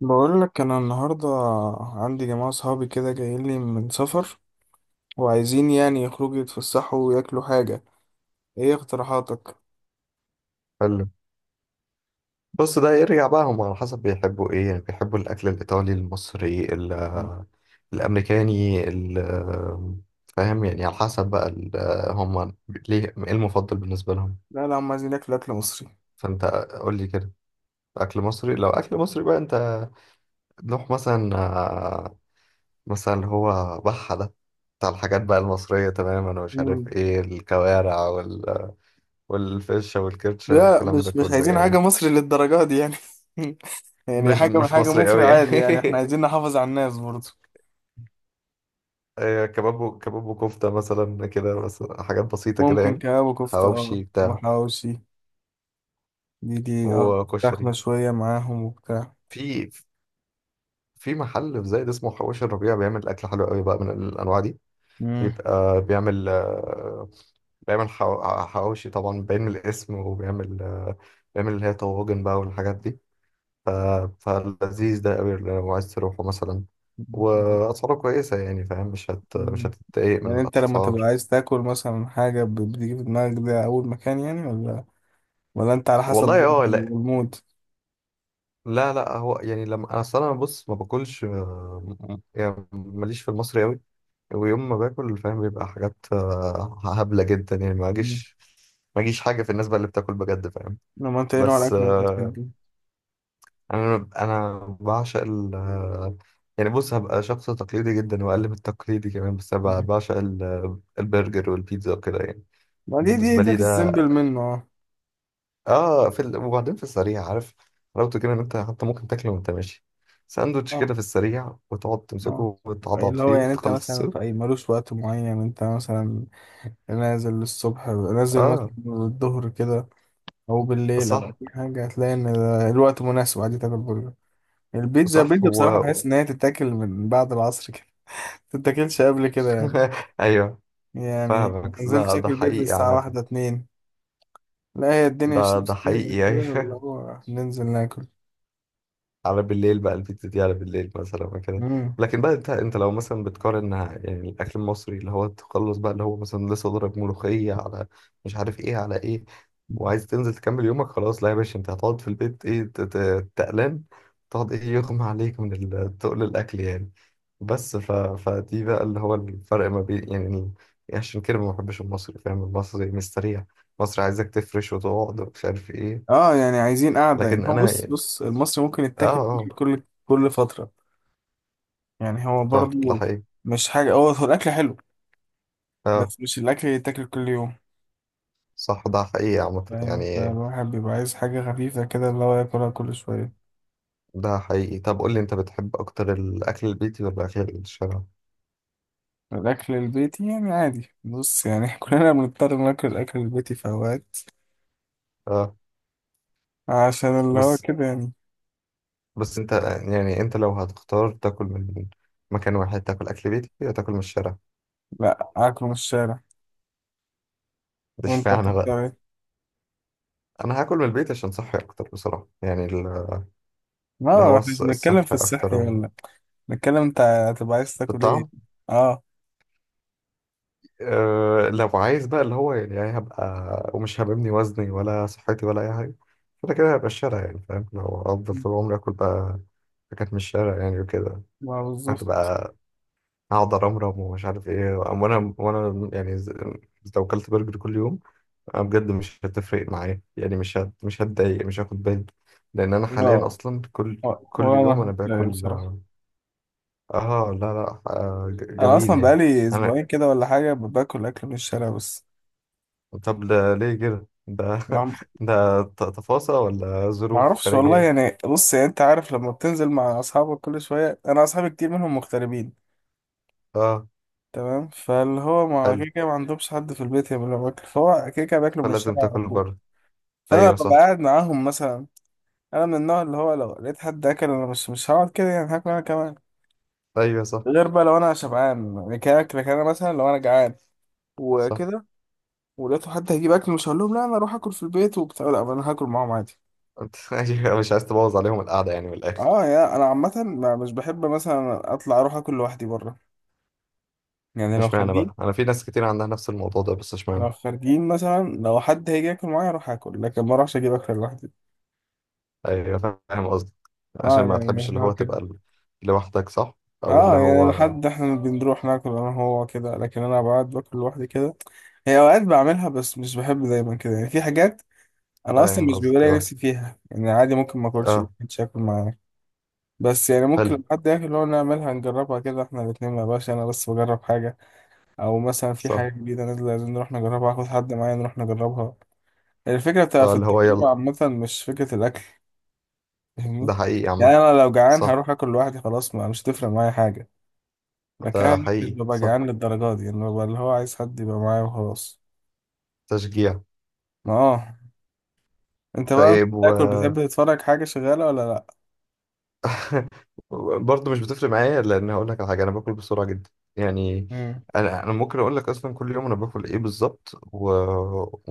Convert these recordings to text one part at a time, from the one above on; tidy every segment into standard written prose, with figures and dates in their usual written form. بقول لك انا النهارده عندي جماعه صحابي كده جايين لي من سفر، وعايزين يعني يخرجوا يتفسحوا وياكلوا حاجه. ايه اقتراحاتك؟ حلو. بص، ده يرجع بقى هم على حسب بيحبوا ايه، يعني بيحبوا الاكل الايطالي، المصري، الامريكاني فاهم، يعني على حسب بقى هم ليه، ايه المفضل بالنسبه لهم؟ لا، لا، هم عايزين ياكلوا اكل مصري. فانت قول لي كده. اكل مصري؟ لو اكل مصري بقى انت نروح مثلا، مثلا اللي هو بحه ده، بتاع الحاجات بقى المصريه تماما، ومش عارف مم. ايه، الكوارع والفشه والكرشه لا، والكلام ده مش كله عايزين حاجه يعني. مصري للدرجه دي يعني. يعني مش حاجه من مش حاجه مصري مصري قوي عادي، يعني احنا يعني. عايزين نحافظ على الناس برضه. كباب وكفتة مثلا كده، بس حاجات بسيطة كده ممكن يعني. كباب وكفته، اه، حواوشي بتاع، وحواوشي. دي، اه. فراخ وكشري. شويه معاهم وبتاع. في في محل في زايد اسمه حواوشي الربيع، بيعمل أكل حلو قوي بقى من الأنواع دي. مم. بيبقى بيعمل بيعمل حواوشي طبعا باين من الاسم، وبيعمل بيعمل اللي هي طواجن بقى، والحاجات دي. ف- فلذيذ ده قوي لو عايز تروحه مثلا، وأسعاره كويسة يعني فاهم، مش مم. هتتضايق من يعني انت لما تبقى الأسعار. عايز تاكل مثلا حاجة بتيجي في دماغك ده أول مكان يعني، ولا انت على حسب والله برضه اه. المود؟ لا لا، هو يعني لما انا اصلا انا بص ما باكلش، يعني ماليش في المصري قوي. ويوم ما باكل فاهم، بيبقى حاجات هبلة جدا يعني. ما مم. اجيش ما اجيش حاجة في الناس بقى اللي بتاكل بجد فاهم. لما انت ايه نوع بس الأكل اللي انت بتحبه؟ انا بعشق ال آه، يعني بص، هبقى شخص تقليدي جدا، واقل من التقليدي كمان. بس انا مم. بعشق البرجر والبيتزا وكده يعني. ما دي بالنسبة ده لي في ده السيمبل منه، اه. اه. وبعدين في السريع، عارف حلاوته كده، ان انت حتى ممكن تاكله وانت ماشي. ساندوتش اه، كده في السريع، وتقعد اه، تمسكه وتعضعض اللي هو فيه يعني انت مثلا وتخلصه. في اي ملوش وقت معين، انت مثلا نازل الصبح، نازل مثلا اه، الظهر كده، او بالليل او صح، اي حاجه، هتلاقي ان ده الوقت مناسب عادي تاكل برجر. البيتزا، صح البيتزا بصراحه هو. بحس ان هي تتاكل من بعد العصر كده. ما تتاكلش قبل كده يعني. ايوه، يعني فاهمك. نزلت ده اكل بيتزا حقيقي الساعة عامة. واحدة اتنين. لا، هي الدنيا ده الشمس تهبل حقيقي كده يعني. اللي هو ننزل ناكل. على بالليل بقى، البيتزا دي على بالليل مثلا وكده. مم. لكن بقى انت لو مثلا بتقارن يعني، الاكل المصري اللي هو تخلص بقى، اللي هو مثلا لسه ضرب ملوخيه على مش عارف ايه على ايه، وعايز تنزل تكمل يومك. خلاص، لا يا باشا، انت هتقعد في البيت. ايه، تقلان. تقعد، ايه، يغمى عليك من تقل الاكل يعني. بس فدي بقى اللي هو الفرق ما بين يعني عشان كده ما بحبش المصري فاهم. المصري مستريح. مصري عايزك تفرش وتقعد ومش عارف ايه. اه، يعني عايزين قعدة، يعني لكن هو انا بص يعني. بص المصري ممكن اه. يتاكل كل اه، كل كل فترة. يعني هو صح، ده برضو. حقيقي. مش حاجة، هو هو الأكل حلو. اه، بس مش الأكل اللي يتاكل كل يوم. صح، ده حقيقي عامة فاهم، يعني. فالواحد بيبقى عايز حاجة خفيفة كده اللي هو ياكلها كل شوية. ده حقيقي. طب قول لي، انت بتحب اكتر الاكل البيتي ولا الاكل الشارع؟ الأكل البيتي يعني عادي، بص يعني. كلنا بنضطر ناكل الأكل البيتي في أوقات اه. عشان اللي هو بس كده يعني. بس انت يعني، انت لو هتختار تاكل من مكان واحد، تاكل اكل بيتي ولا تاكل من الشارع؟ لا، أكله من الشارع. ده وأنت اشمعنى بقى بتضطر إيه؟ انا هاكل من البيت عشان صحي اكتر بصراحة يعني ال- اه، الهوا احنا مش الص- بنتكلم في الصحي اكتر الصحي و- ولا بنتكلم انت هتبقى عايز في تاكل ايه. الطعم اه، أه لو عايز بقى اللي هو يعني يعني هبقى ومش هبني وزني ولا صحتي ولا أي حاجة كده كده هبقى الشارع يعني فاهم لو أفضل طول عمري آكل بقى حاجات من الشارع يعني وكده ما هتبقى بالظبط. أقعد أرمرم ومش عارف إيه وأنا وأنا يعني ز- لو أكلت برجر كل يوم أنا بجد مش هتفرق معايا يعني مش هت مش هتضايق مش هاخد بالي لأن أنا حاليا اه، أصلا كل كل يوم أنا وانا لا، باكل بصراحة. آه آه، لا لا آه ج- انا جميل اصلا يعني بقالي أنا اسبوعين كده ولا حاجة باكل اكل من الشارع بس. طب ده ليه كده ده ما ده ت- تفاصيل ولا ما ظروف اعرفش والله خارجية يعني، بص يعني انت عارف لما بتنزل مع اصحابك كل شوية، انا اصحابي كتير منهم مغتربين. اه تمام، فاللي هو ما حلو كده كده ما عندهمش حد في البيت يعمل لهم اكل، فهو كده كده بياكلوا من فلازم الشارع على تاكل طول. بره فانا ايوه ببقى صح قاعد معاهم مثلا. انا من النوع اللي هو لو لقيت حد اكل انا مش هقعد كده يعني، هاكل انا كمان. ايوه صح غير بقى لو انا شبعان يعني، كاكل انا مثلا لو انا جعان صح وكده. ولقيته حد هيجيب اكل، مش هقول لهم لا انا اروح اكل في البيت وبتاع، لا انا هاكل معاهم عادي. انت أيوة، مش عايز تبوظ عليهم القعدة يعني من الآخر اه، يا انا عامه مش بحب مثلا اطلع اروح اكل لوحدي بره. يعني لو اشمعنى خارجين، بقى؟ انا في ناس كتير عندها نفس الموضوع ده، بس اشمعنى؟ لو خارجين مثلا لو حد هيجي ياكل معايا اروح اكل، لكن ما اروحش اجيب اكل لوحدي. ايوه، فاهم قصدك. عشان اه، ما تحبش يعني اللي هو هو تبقى كده. لوحدك، صح. او اللي اه، يعني هو، لحد احنا بنروح ناكل انا هو كده، لكن انا بقعد باكل لوحدي كده. هي اوقات بعملها، بس مش بحب دايما كده يعني، في حاجات انا اصلا فاهم مش بيبقى قصدك. لي اه، نفسي فيها، يعني عادي ممكن ما اكلش لو اه، مش هاكل معاه. بس يعني ممكن حلو، لما حد ياكل هو نعملها نجربها كده احنا الاتنين، ما بقاش انا بس بجرب حاجه. او مثلا في صح. حاجه جديده نازله لازم نروح نجربها، اخد حد معايا نروح نجربها. الفكره بتبقى اه في اللي هو التجربه يلا. عامه، مش فكره الاكل. فاهمني؟ ده حقيقي عامة. يعني انا لو جعان صح، هروح اكل لوحدي خلاص، ما مش هتفرق معايا حاجه. ده ده كان مش حقيقي. ببقى صح، جعان للدرجة دي، انه ببقى اللي هو عايز حد يبقى معايا وخلاص. تشجيع. ما، اه. انت بقى انت طيب بتاكل بتحب تتفرج حاجة شغالة ولا لا؟ برضه مش بتفرق معايا، لان هقول لك على حاجه، انا باكل بسرعه جدا يعني. مم. انا ممكن اقول لك اصلا كل يوم انا باكل ايه بالظبط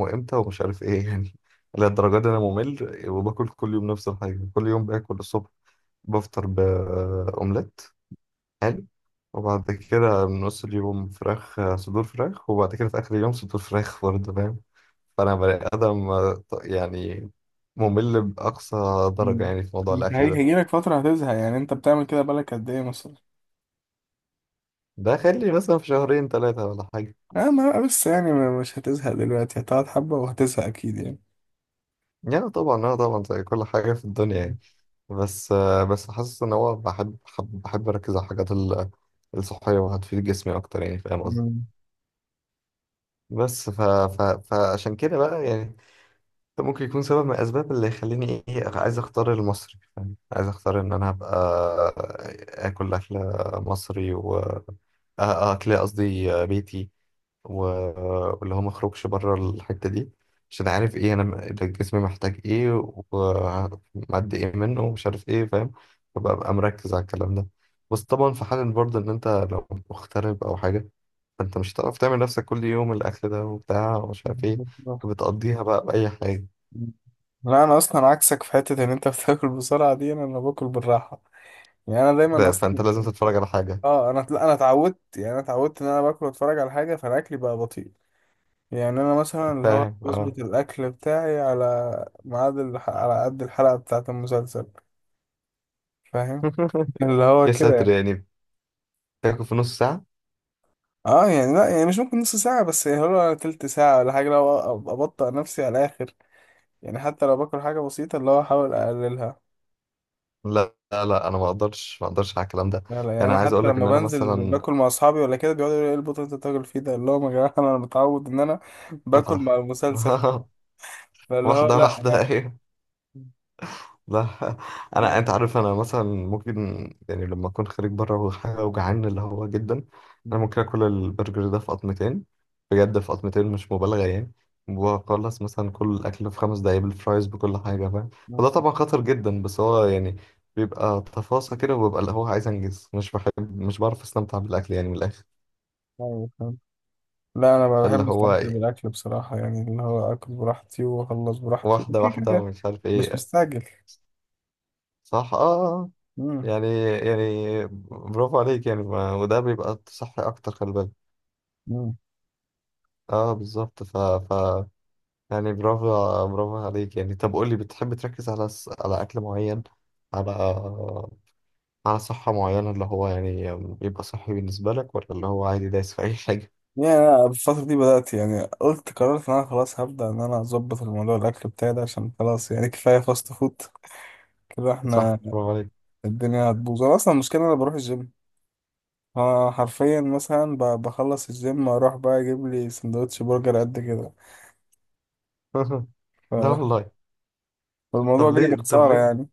وامتى ومش عارف ايه، يعني. للدرجه دي انا ممل، وباكل كل يوم نفس الحاجه. كل يوم باكل الصبح بفطر باومليت، حلو. وبعد كده من نص اليوم فراخ، صدور فراخ. وبعد كده في اخر اليوم صدور فراخ برضه، فاهم. فانا بني ادم يعني، ممل باقصى درجه مم. يعني في موضوع انت الاكل ده. هيجيلك فترة هتزهق؟ يعني انت بتعمل كده بقالك قد ايه مثلا؟ ده خلي مثلا في شهرين ثلاثة ولا حاجة. اه، ما بس يعني مش هتزهق دلوقتي، هتقعد حبة وهتزهق اكيد يعني. يعني طبعا، اه طبعا، زي كل حاجة في الدنيا مم. يعني. بس بس حاسس ان هو بحب اركز على الحاجات الصحية، وهتفيد جسمي اكتر يعني، فاهم قصدي. مم. بس فعشان كده بقى يعني، ده ممكن يكون سبب من الاسباب اللي يخليني ايه، عايز اختار المصري فاهم. عايز اختار ان انا ابقى اكل مصري، اكل قصدي بيتي، واللي هو ما اخرجش بره الحتة دي. عشان عارف ايه، انا ده جسمي محتاج ايه، ومعدي ايه منه، ومش عارف ايه، فاهم. فببقى مركز على الكلام ده. بس طبعا في حال برضه ان انت لو مغترب او حاجة، فانت مش هتعرف تعمل نفسك كل يوم الاكل ده وبتاع ومش عارف ايه، وبتقضيها بقى بأي حاجة. لا، انا اصلا عكسك في حتة ان انت بتاكل بسرعة دي، انا باكل بالراحة. يعني انا دايما فانت اصلا. لازم تتفرج على حاجة اه، انا لا، انا اتعودت يعني، انا اتعودت ان انا باكل واتفرج على حاجة، فانا اكلي بقى بطيء. يعني انا مثلا اللي هو فاهم. اه. بظبط الاكل بتاعي على ميعاد على قد الحلقه بتاعه المسلسل. فاهم؟ اللي هو يا كده ساتر يعني. يعني، تاكل في نص ساعة؟ اه، يعني لا، يعني مش ممكن نص ساعه، بس يعني هو تلت ساعه ولا حاجه، لو ابطأ نفسي على الاخر. يعني حتى لو باكل حاجه بسيطه اللي هو احاول اقللها. لا لا لا، انا ما اقدرش، ما اقدرش على الكلام ده. لا، لا، يعني يعني انا عايز اقول حتى لك لما ان انا بنزل مثلا باكل مع اصحابي ولا كده بيقعدوا يقولوا ايه البطل اللي انت بتاكل فيه ده اللي هو يا جماعه، انا متعود ان انا باكل متعة. مع المسلسل. فاللي هو واحدة لا. واحدة، أيوة. لا، أنت عارف، أنا مثلا ممكن يعني لما أكون خارج بره وحاجة وجعان اللي هو جدا، أنا ممكن آكل البرجر ده في قطمتين. بجد في قطمتين، مش مبالغة يعني. وأخلص مثلا كل الأكل في 5 دقايق، بالفرايز، بكل حاجة، فاهم. فده طبعا خطر جدا، بس هو يعني بيبقى تفاصيل كده، وبيبقى اللي هو عايز أنجز، مش بحب، مش بعرف أستمتع بالأكل يعني من الآخر. يعني. لا، انا اللي بحب هو استمتع بالاكل بصراحه يعني، اللي هو اكل براحتي واخلص براحتي واحدة كده واحدة كده، ومش عارف مش إيه، مستعجل. صح امم. يعني. يعني برافو عليك يعني، ما وده بيبقى صح اكتر، خلي بالك. امم. اه، بالظبط. ف ف يعني برافو، برافو عليك يعني. طب قول لي، بتحب تركز على على اكل معين، على، صحة معينة اللي هو يعني يبقى صحي بالنسبة لك، ولا اللي هو عادي دايس في اي حاجة؟ يعني انا الفتره دي بدات، يعني قلت قررت ان انا خلاص هبدا ان انا اظبط الموضوع الاكل بتاعي ده، عشان خلاص يعني كفايه فاست فود كده صح، احنا. برافو عليك. الدنيا هتبوظ، انا اصلا المشكله إن انا بروح الجيم. انا حرفيا مثلا بخلص الجيم اروح بقى اجيب لي سندوتش برجر قد كده. لا ف- والله. فالموضوع طب جاي ليه طب بخساره ليه يعني.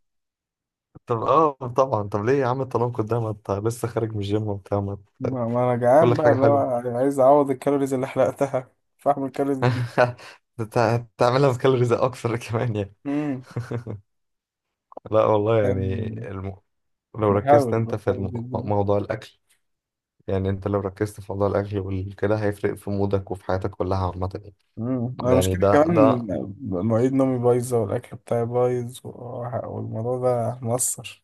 طب اه طبعا، طب ليه يا عم التناقض ده، ما انت لسه خارج من الجيم وبتاع؟ ما أنت- ما انا جعان كل بقى حاجة اللي هو حلوة. عايز اعوض الكالوريز اللي حرقتها، فاعمل كالوريز جديدة. هتعملها بكالوريز اكثر كمان يعني. امم. لا والله، يعني يعني لو ركزت بحاول انت في بحاول جدا. موضوع الاكل، يعني انت لو ركزت في موضوع الاكل وكده، هيفرق في مودك وفي حياتك كلها عامه يعني. امم، انا مشكلة ده كمان مواعيد نومي بايظة والاكل بتاعي بايظ والموضوع ده مؤثر،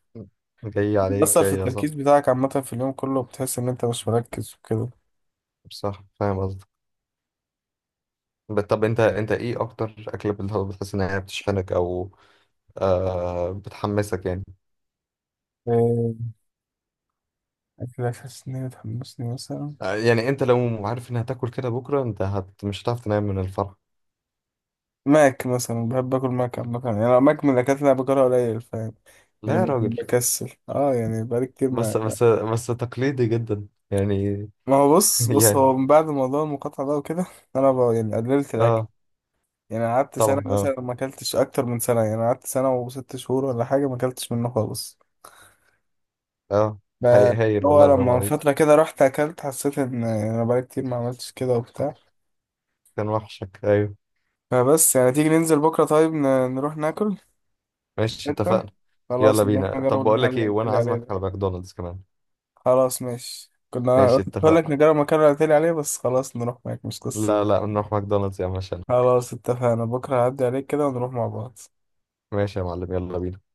جاي عليك، مؤثر في يا صح. التركيز بتاعك عامة في اليوم كله، بتحس ان انت مش مركز وكده. صح، فاهم قصدك. طب انت ايه اكتر اكله بتحس انها بتشحنك، او بتحمسك يعني؟ إيه، اكلك حاسس ان هي بتحمسني مثلا؟ يعني انت لو عارف انها هتاكل كده بكره، انت مش هتعرف تنام من الفرح. ماك مثلا بحب اكل ماك عامة يعني، أنا ماك من الاكلات اللي انا باكلها قليل، فاهم؟ لا يعني يا راجل، بكسل، اه يعني بقالي كتير ما. بس تقليدي جدا يعني. ما هو بص بص يعني هو من بعد موضوع المقاطعة ده وكده، أنا بقى يعني قللت الأكل. اه، يعني قعدت سنة طبعا، اه، مثلا ما أكلتش، أكتر من سنة يعني قعدت سنة وست شهور ولا حاجة، ما أكلتش منه خالص. اه، ب- هايل هو والله، برافو لما من عليك. فترة كده رحت أكلت حسيت إن أنا بقالي كتير ما عملتش كده وبتاع، كان وحشك، ايوه. فبس يعني تيجي ننزل بكرة؟ طيب نروح ناكل. ماشي، أنت. اتفقنا. يلا خلاص نروح بينا. نجرب طب بقول المحل لك اللي ايه، قلت وانا لي عليه عازمك ده. على ماكدونالدز كمان. خلاص ماشي، كنا ماشي قلت اتفقنا. لك نجرب المكان اللي قلت لي عليه، بس خلاص نروح معاك مش قصة. لا لا، نروح ماكدونالدز يا عم عشانك. خلاص اتفقنا، بكرة هعدي عليك كده ونروح مع بعض. ماشي يا معلم، يلا بينا.